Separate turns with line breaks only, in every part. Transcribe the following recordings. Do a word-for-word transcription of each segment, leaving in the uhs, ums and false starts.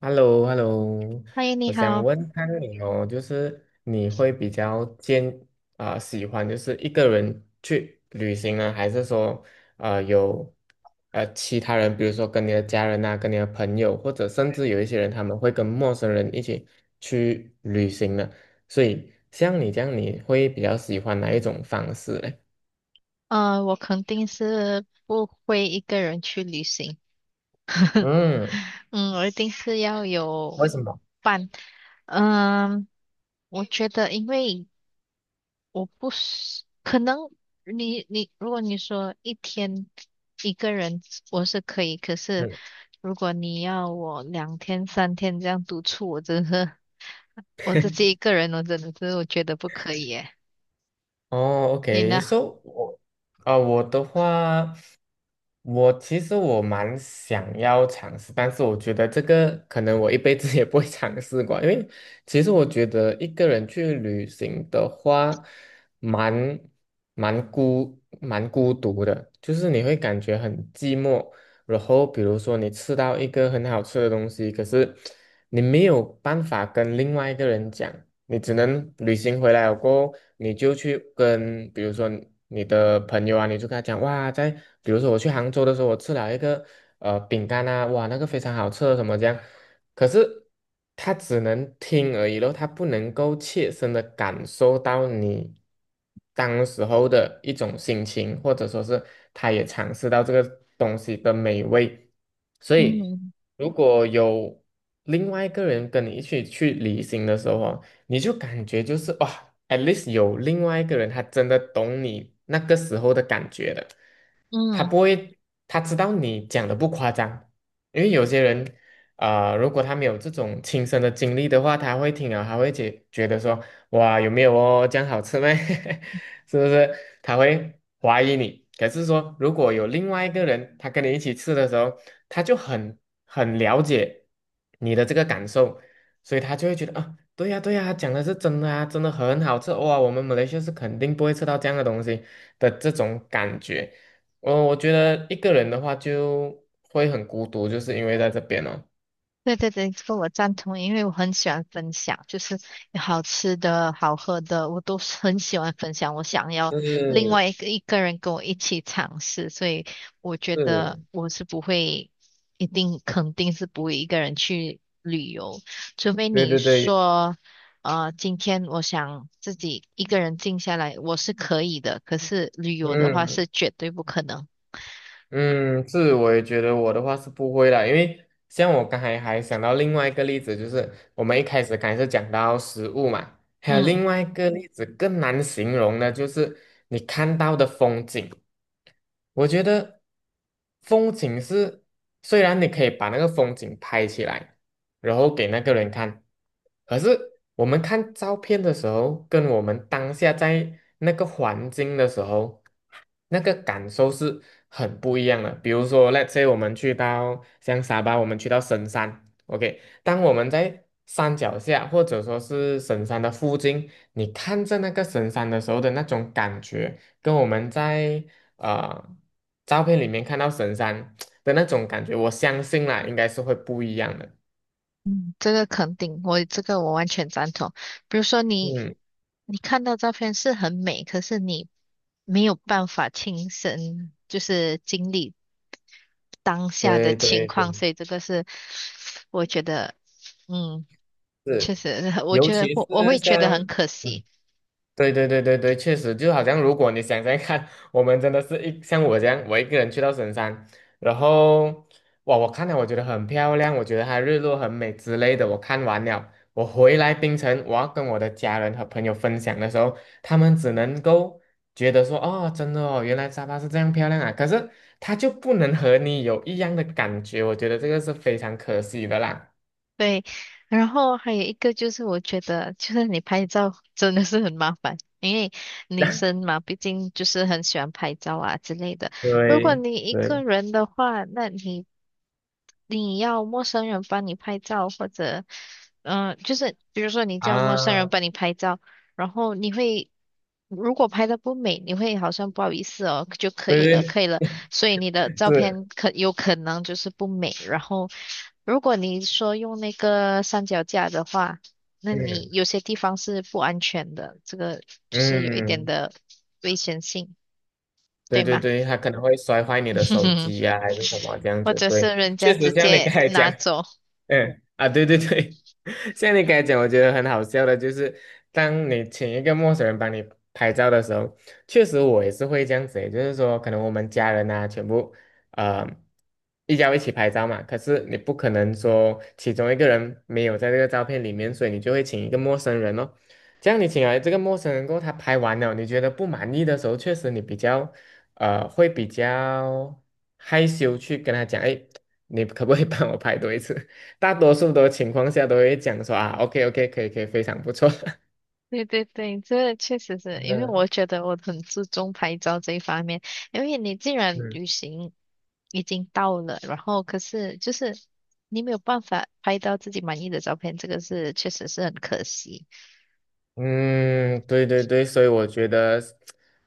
h e l l o h e l l o
嗨，你
我想
好，
问看你哦，就是你会比较坚啊、喜欢就是一个人去旅行呢，还是说呃有呃其他人，比如说跟你的家人啊，跟你的朋友，或者甚至有一些人他们会跟陌生人一起去旅行呢？所以像你这样，你会比较喜欢哪一种方式嘞？
呃，我肯定是不会一个人去旅行，
嗯，
嗯，我一定是要有
为什么？
伴，嗯，我觉得因为我不是，可能你你如果你说一天一个人我是可以，可是
嗯。
如果你要我两天三天这样独处，我真是我自己一个人，我真的是我觉得不可以耶，
哦
你呢？
，OK，so 我啊、我的话，我其实我蛮想要尝试，但是我觉得这个可能我一辈子 也不会尝试过，因为其实我觉得一个人去旅行的话，蛮蛮孤蛮孤独的，就是你会感觉很寂寞。然后比如说你吃到一个很好吃的东西，可是你没有办法跟另外一个人讲。你只能旅行回来了过后，你就去跟，比如说你的朋友啊，你就跟他讲，哇，在比如说我去杭州的时候，我吃了一个呃饼干啊，哇，那个非常好吃，什么这样。可是他只能听而已咯，他不能够切身的感受到你当时候的一种心情，或者说是他也尝试到这个东西的美味。所以，
嗯。
如果有另外一个人跟你一起去旅行的时候哦你就感觉就是哇，at least 有另外一个人，他真的懂你那个时候的感觉的，他
嗯，
不会，他知道你讲的不夸张，因为有些人，呃，如果他没有这种亲身的经历的话，他会听了，他会觉觉得说，哇，有没有哦，这样好吃吗？是不是？他会怀疑你。可是说，如果有另外一个人，他跟你一起吃的时候，他就很很了解你的这个感受。所以他就会觉得啊，对呀，对呀，讲的是真的啊，真的很好吃哇！我们马来西亚是肯定不会吃到这样的东西的这种感觉。我我觉得一个人的话就会很孤独，就是因为在这边哦。
对对对，这个我赞同，因为我很喜欢分享，就是有好吃的、好喝的，我都是很喜欢分享。我想要另
是，
外一个一个人跟我一起尝试，所以我觉得我是不会，一定肯定是不会一个人去旅游，除非
对
你
对对，
说，呃，今天我想自己一个人静下来，我是可以的，可是旅游的话
嗯
是绝对不可能。
嗯，是，我也觉得我的话是不会啦，因为像我刚才还想到另外一个例子，就是我们一开始刚才是讲到食物嘛，还有
嗯，
另外一个例子更难形容的，就是你看到的风景。我觉得风景是，虽然你可以把那个风景拍起来，然后给那个人看，可是我们看照片的时候，跟我们当下在那个环境的时候，那个感受是很不一样的。比如说，let's say 我们去到像沙巴，我们去到神山，OK，当我们在山脚下或者说是神山的附近，你看着那个神山的时候的那种感觉。跟我们在啊，照片里面看到神山 的那种感觉，我相信啦，应该是会不一样的。
这个肯定，我这个我完全赞同。比如说你。
嗯，
你看到照片是很美，可是你没有办法亲身就是经历当下的
对
情
对
况，
对，
所以这个是我觉得，嗯，确
是，
实，我
尤
觉得
其是
我我会觉得
像
很可
嗯
惜。
对对对对对，确实，就好像如果你想想看，我们真的是一像我这样，我一个人去到神山，然后哇，我看了我觉得很漂亮，我觉得它日落很美之类的，我看完了，我回来槟城，我要跟我的家人和朋友分享的时候，他们只能够觉得说，哦，真的哦，原来沙发是这样漂亮啊，可是它就不能和你有一样的感觉，我觉得这个是非常可惜的啦。
对，然后还有一个就是我觉得，就是你拍照 真的是很麻烦，因为女生 嘛，毕竟就是很喜欢拍照啊之类的。如果
对
你一个
对
人的话，那你你要陌生人帮你拍照，或者，嗯、就是比如说你叫陌生人
啊，
帮你拍照，然后你会，如果拍的不美，你会好像不好意思哦，就可以了，
对
可以了。所以你的照片
对
可有可能就是不美。然后，如果你说用那个三脚架的话，那
是。
你有些地方是不安全的，这个就是有一点
嗯，
的危险性，
对
对
对
吗？
对，他可能会摔坏你的手机 呀、还是什么这样
或
子。
者是
对，
人家
确
直
实像你刚
接
才讲，
拿走。
嗯啊，对对对，像你刚才讲，我觉得很好笑的，就是当你请一个陌生人帮你拍照的时候，确实我也是会这样子欸，也就是说，可能我们家人啊，全部呃一家一起拍照嘛，可是你不可能说其中一个人没有在这个照片里面，所以你就会请一个陌生人哦。这样你请来这个陌生人过后，他拍完了，你觉得不满意的时候，确实你比较呃会比较害羞去跟他讲，哎，你可不可以帮我拍多一次？大多数的情况下都会讲说啊，OK OK，可以可以，非常不错。
对对对，这确实是 因为我
嗯
觉得我很注重拍照这一方面，因为你既然
嗯，
旅行已经到了，然后可是就是你没有办法拍到自己满意的照片，这个是确实是很可惜。
嗯，对对对，所以我觉得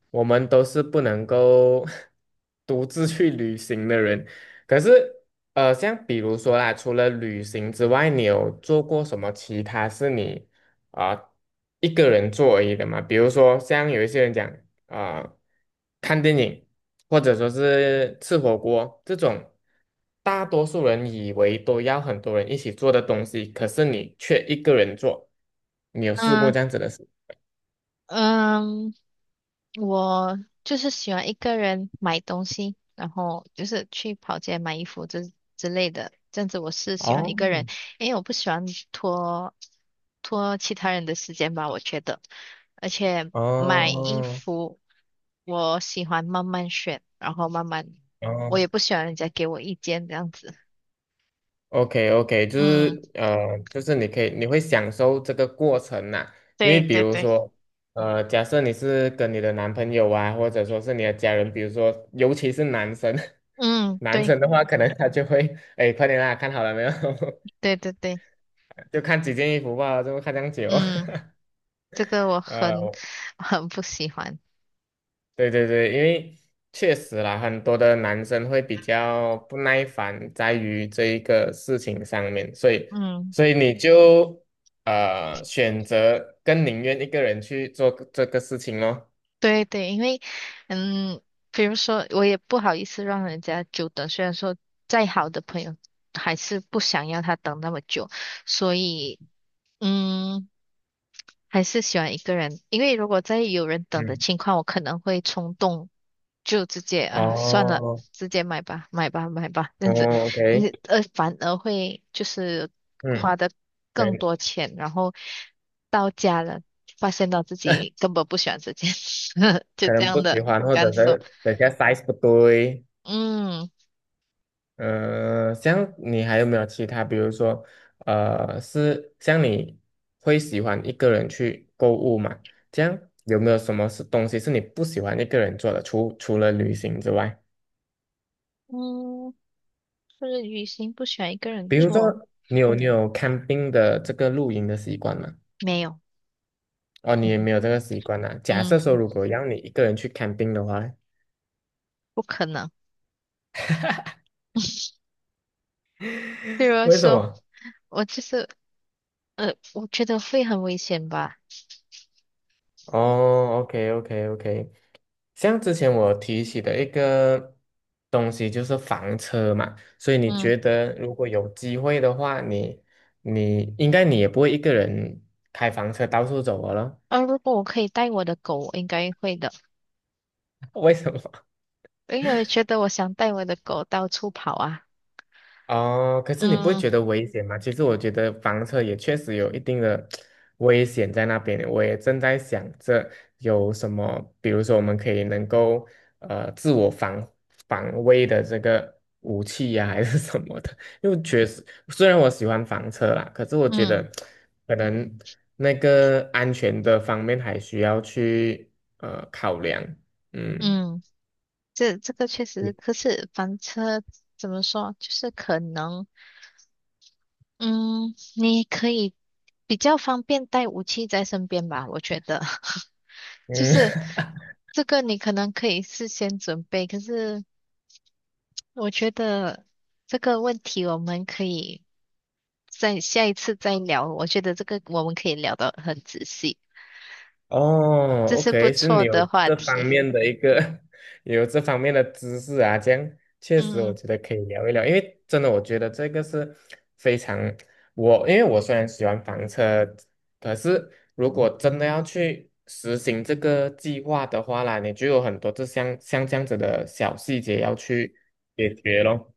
我们都是不能够 独自去旅行的人。可是，呃，像比如说啦，除了旅行之外，你有做过什么其他是你啊、一个人做而已的吗？比如说，像有一些人讲啊、呃看电影或者说是吃火锅这种，大多数人以为都要很多人一起做的东西，可是你却一个人做，你有试过
嗯
这样子的？事？
嗯，我就是喜欢一个人买东西，然后就是去跑街买衣服之之类的，这样子我是喜欢一个
哦
人，因为我不喜欢拖。拖其他人的时间吧，我觉得。而且买衣
哦
服，我喜欢慢慢选，然后慢慢，我
哦
也不喜欢人家给我意见这样子。
，OK OK，就
嗯，
是呃，就是你可以，你会享受这个过程呐、因为
对
比
对
如
对，
说，呃，假设你是跟你的男朋友啊，或者说是你的家人，比如说，尤其是男生，
嗯，
男
对，
生的话，可能他就会，哎，快点啦，看好了没有？
对对对，
就看几件衣服吧，就看这样久。
嗯，这个我 很
呃。
很不喜欢。
对对对，因为确实啦，很多的男生会比较不耐烦在于这一个事情上面，所以
嗯，
所以你就呃选择更宁愿一个人去做个这个事情咯。
对对，因为嗯，比如说，我也不好意思让人家久等，虽然说再好的朋友还是不想要他等那么久，所以，嗯。还是喜欢一个人，因为如果在有人等的
嗯，
情况，我可能会冲动，就直接啊算了，
哦，
直接买吧，买吧，买吧，这
哦
样子，你
，OK，
呃反而会就是
嗯，
花的
可
更
能
多钱，然后到家了，发现到自己根本不喜欢这件事，就
可
这
能
样
不喜
的
欢，或者
感受。
是等下 size 不对。
嗯
呃，像你还有没有其他，比如说，呃，是像你会喜欢一个人去购物嘛？这样有没有什么是东西是你不喜欢一个人做的？除除了旅行之外，
嗯，就是旅行不喜欢一个人
比如说
做，
你有你嗯有看病的这个露营的习惯吗？
没有，
哦，你也没有这个习惯啊。假设说，
嗯，
如果让你一个人去看病的话，
不可能。比如
为什
说，
么？
我就是呃，我觉得会很危险吧。
哦，OK OK OK，像之前我提起的一个东西就是房车嘛，所以你
嗯，
觉得如果有机会的话，你你应该你也不会一个人开房车到处走了咯
呃，如果我可以带我的狗，我应该会的，
为什么？
因为我觉得我想带我的狗到处跑啊。
哦，可是你不会
嗯
觉得危险吗？其实我觉得房车也确实有一定的危险在那边。我也正在想着有什么，比如说我们可以能够呃自我防防卫的这个武器呀、还是什么的。因为确实，虽然我喜欢房车啦，可是我觉得
嗯
可能那个安全的方面还需要去呃考量。嗯
嗯，这这个确实，可是房车怎么说，就是可能，嗯，你可以比较方便带武器在身边吧，我觉得，就
嗯，
是 这个你可能可以事先准备，可是我觉得这个问题我们可以在下一次再聊，我觉得这个我们可以聊得很仔细。
哦
这是不
，OK，是
错
你有
的话
这方
题。
面的一个 有这方面的知识啊，这样确实我
嗯，
觉得可以聊一聊，因为真的我觉得这个是非常我，因为我虽然喜欢房车，可是如果真的要去实行这个计划的话啦，你就有很多这像像这样子的小细节要去解决咯。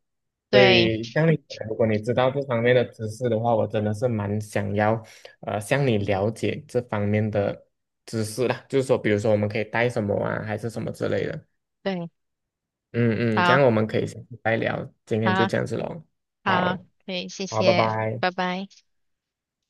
所
对
以像你讲如果你知道这方面的知识的话，我真的是蛮想要，呃，向你了解这方面的知识啦。就是说，比如说我们可以带什么啊，还是什么之类的。
对，
嗯嗯，这
好，
样我们可以下次再聊。今天就
好，
这样子喽。
好，
好，
可以，谢
好，拜
谢，
拜。
拜拜。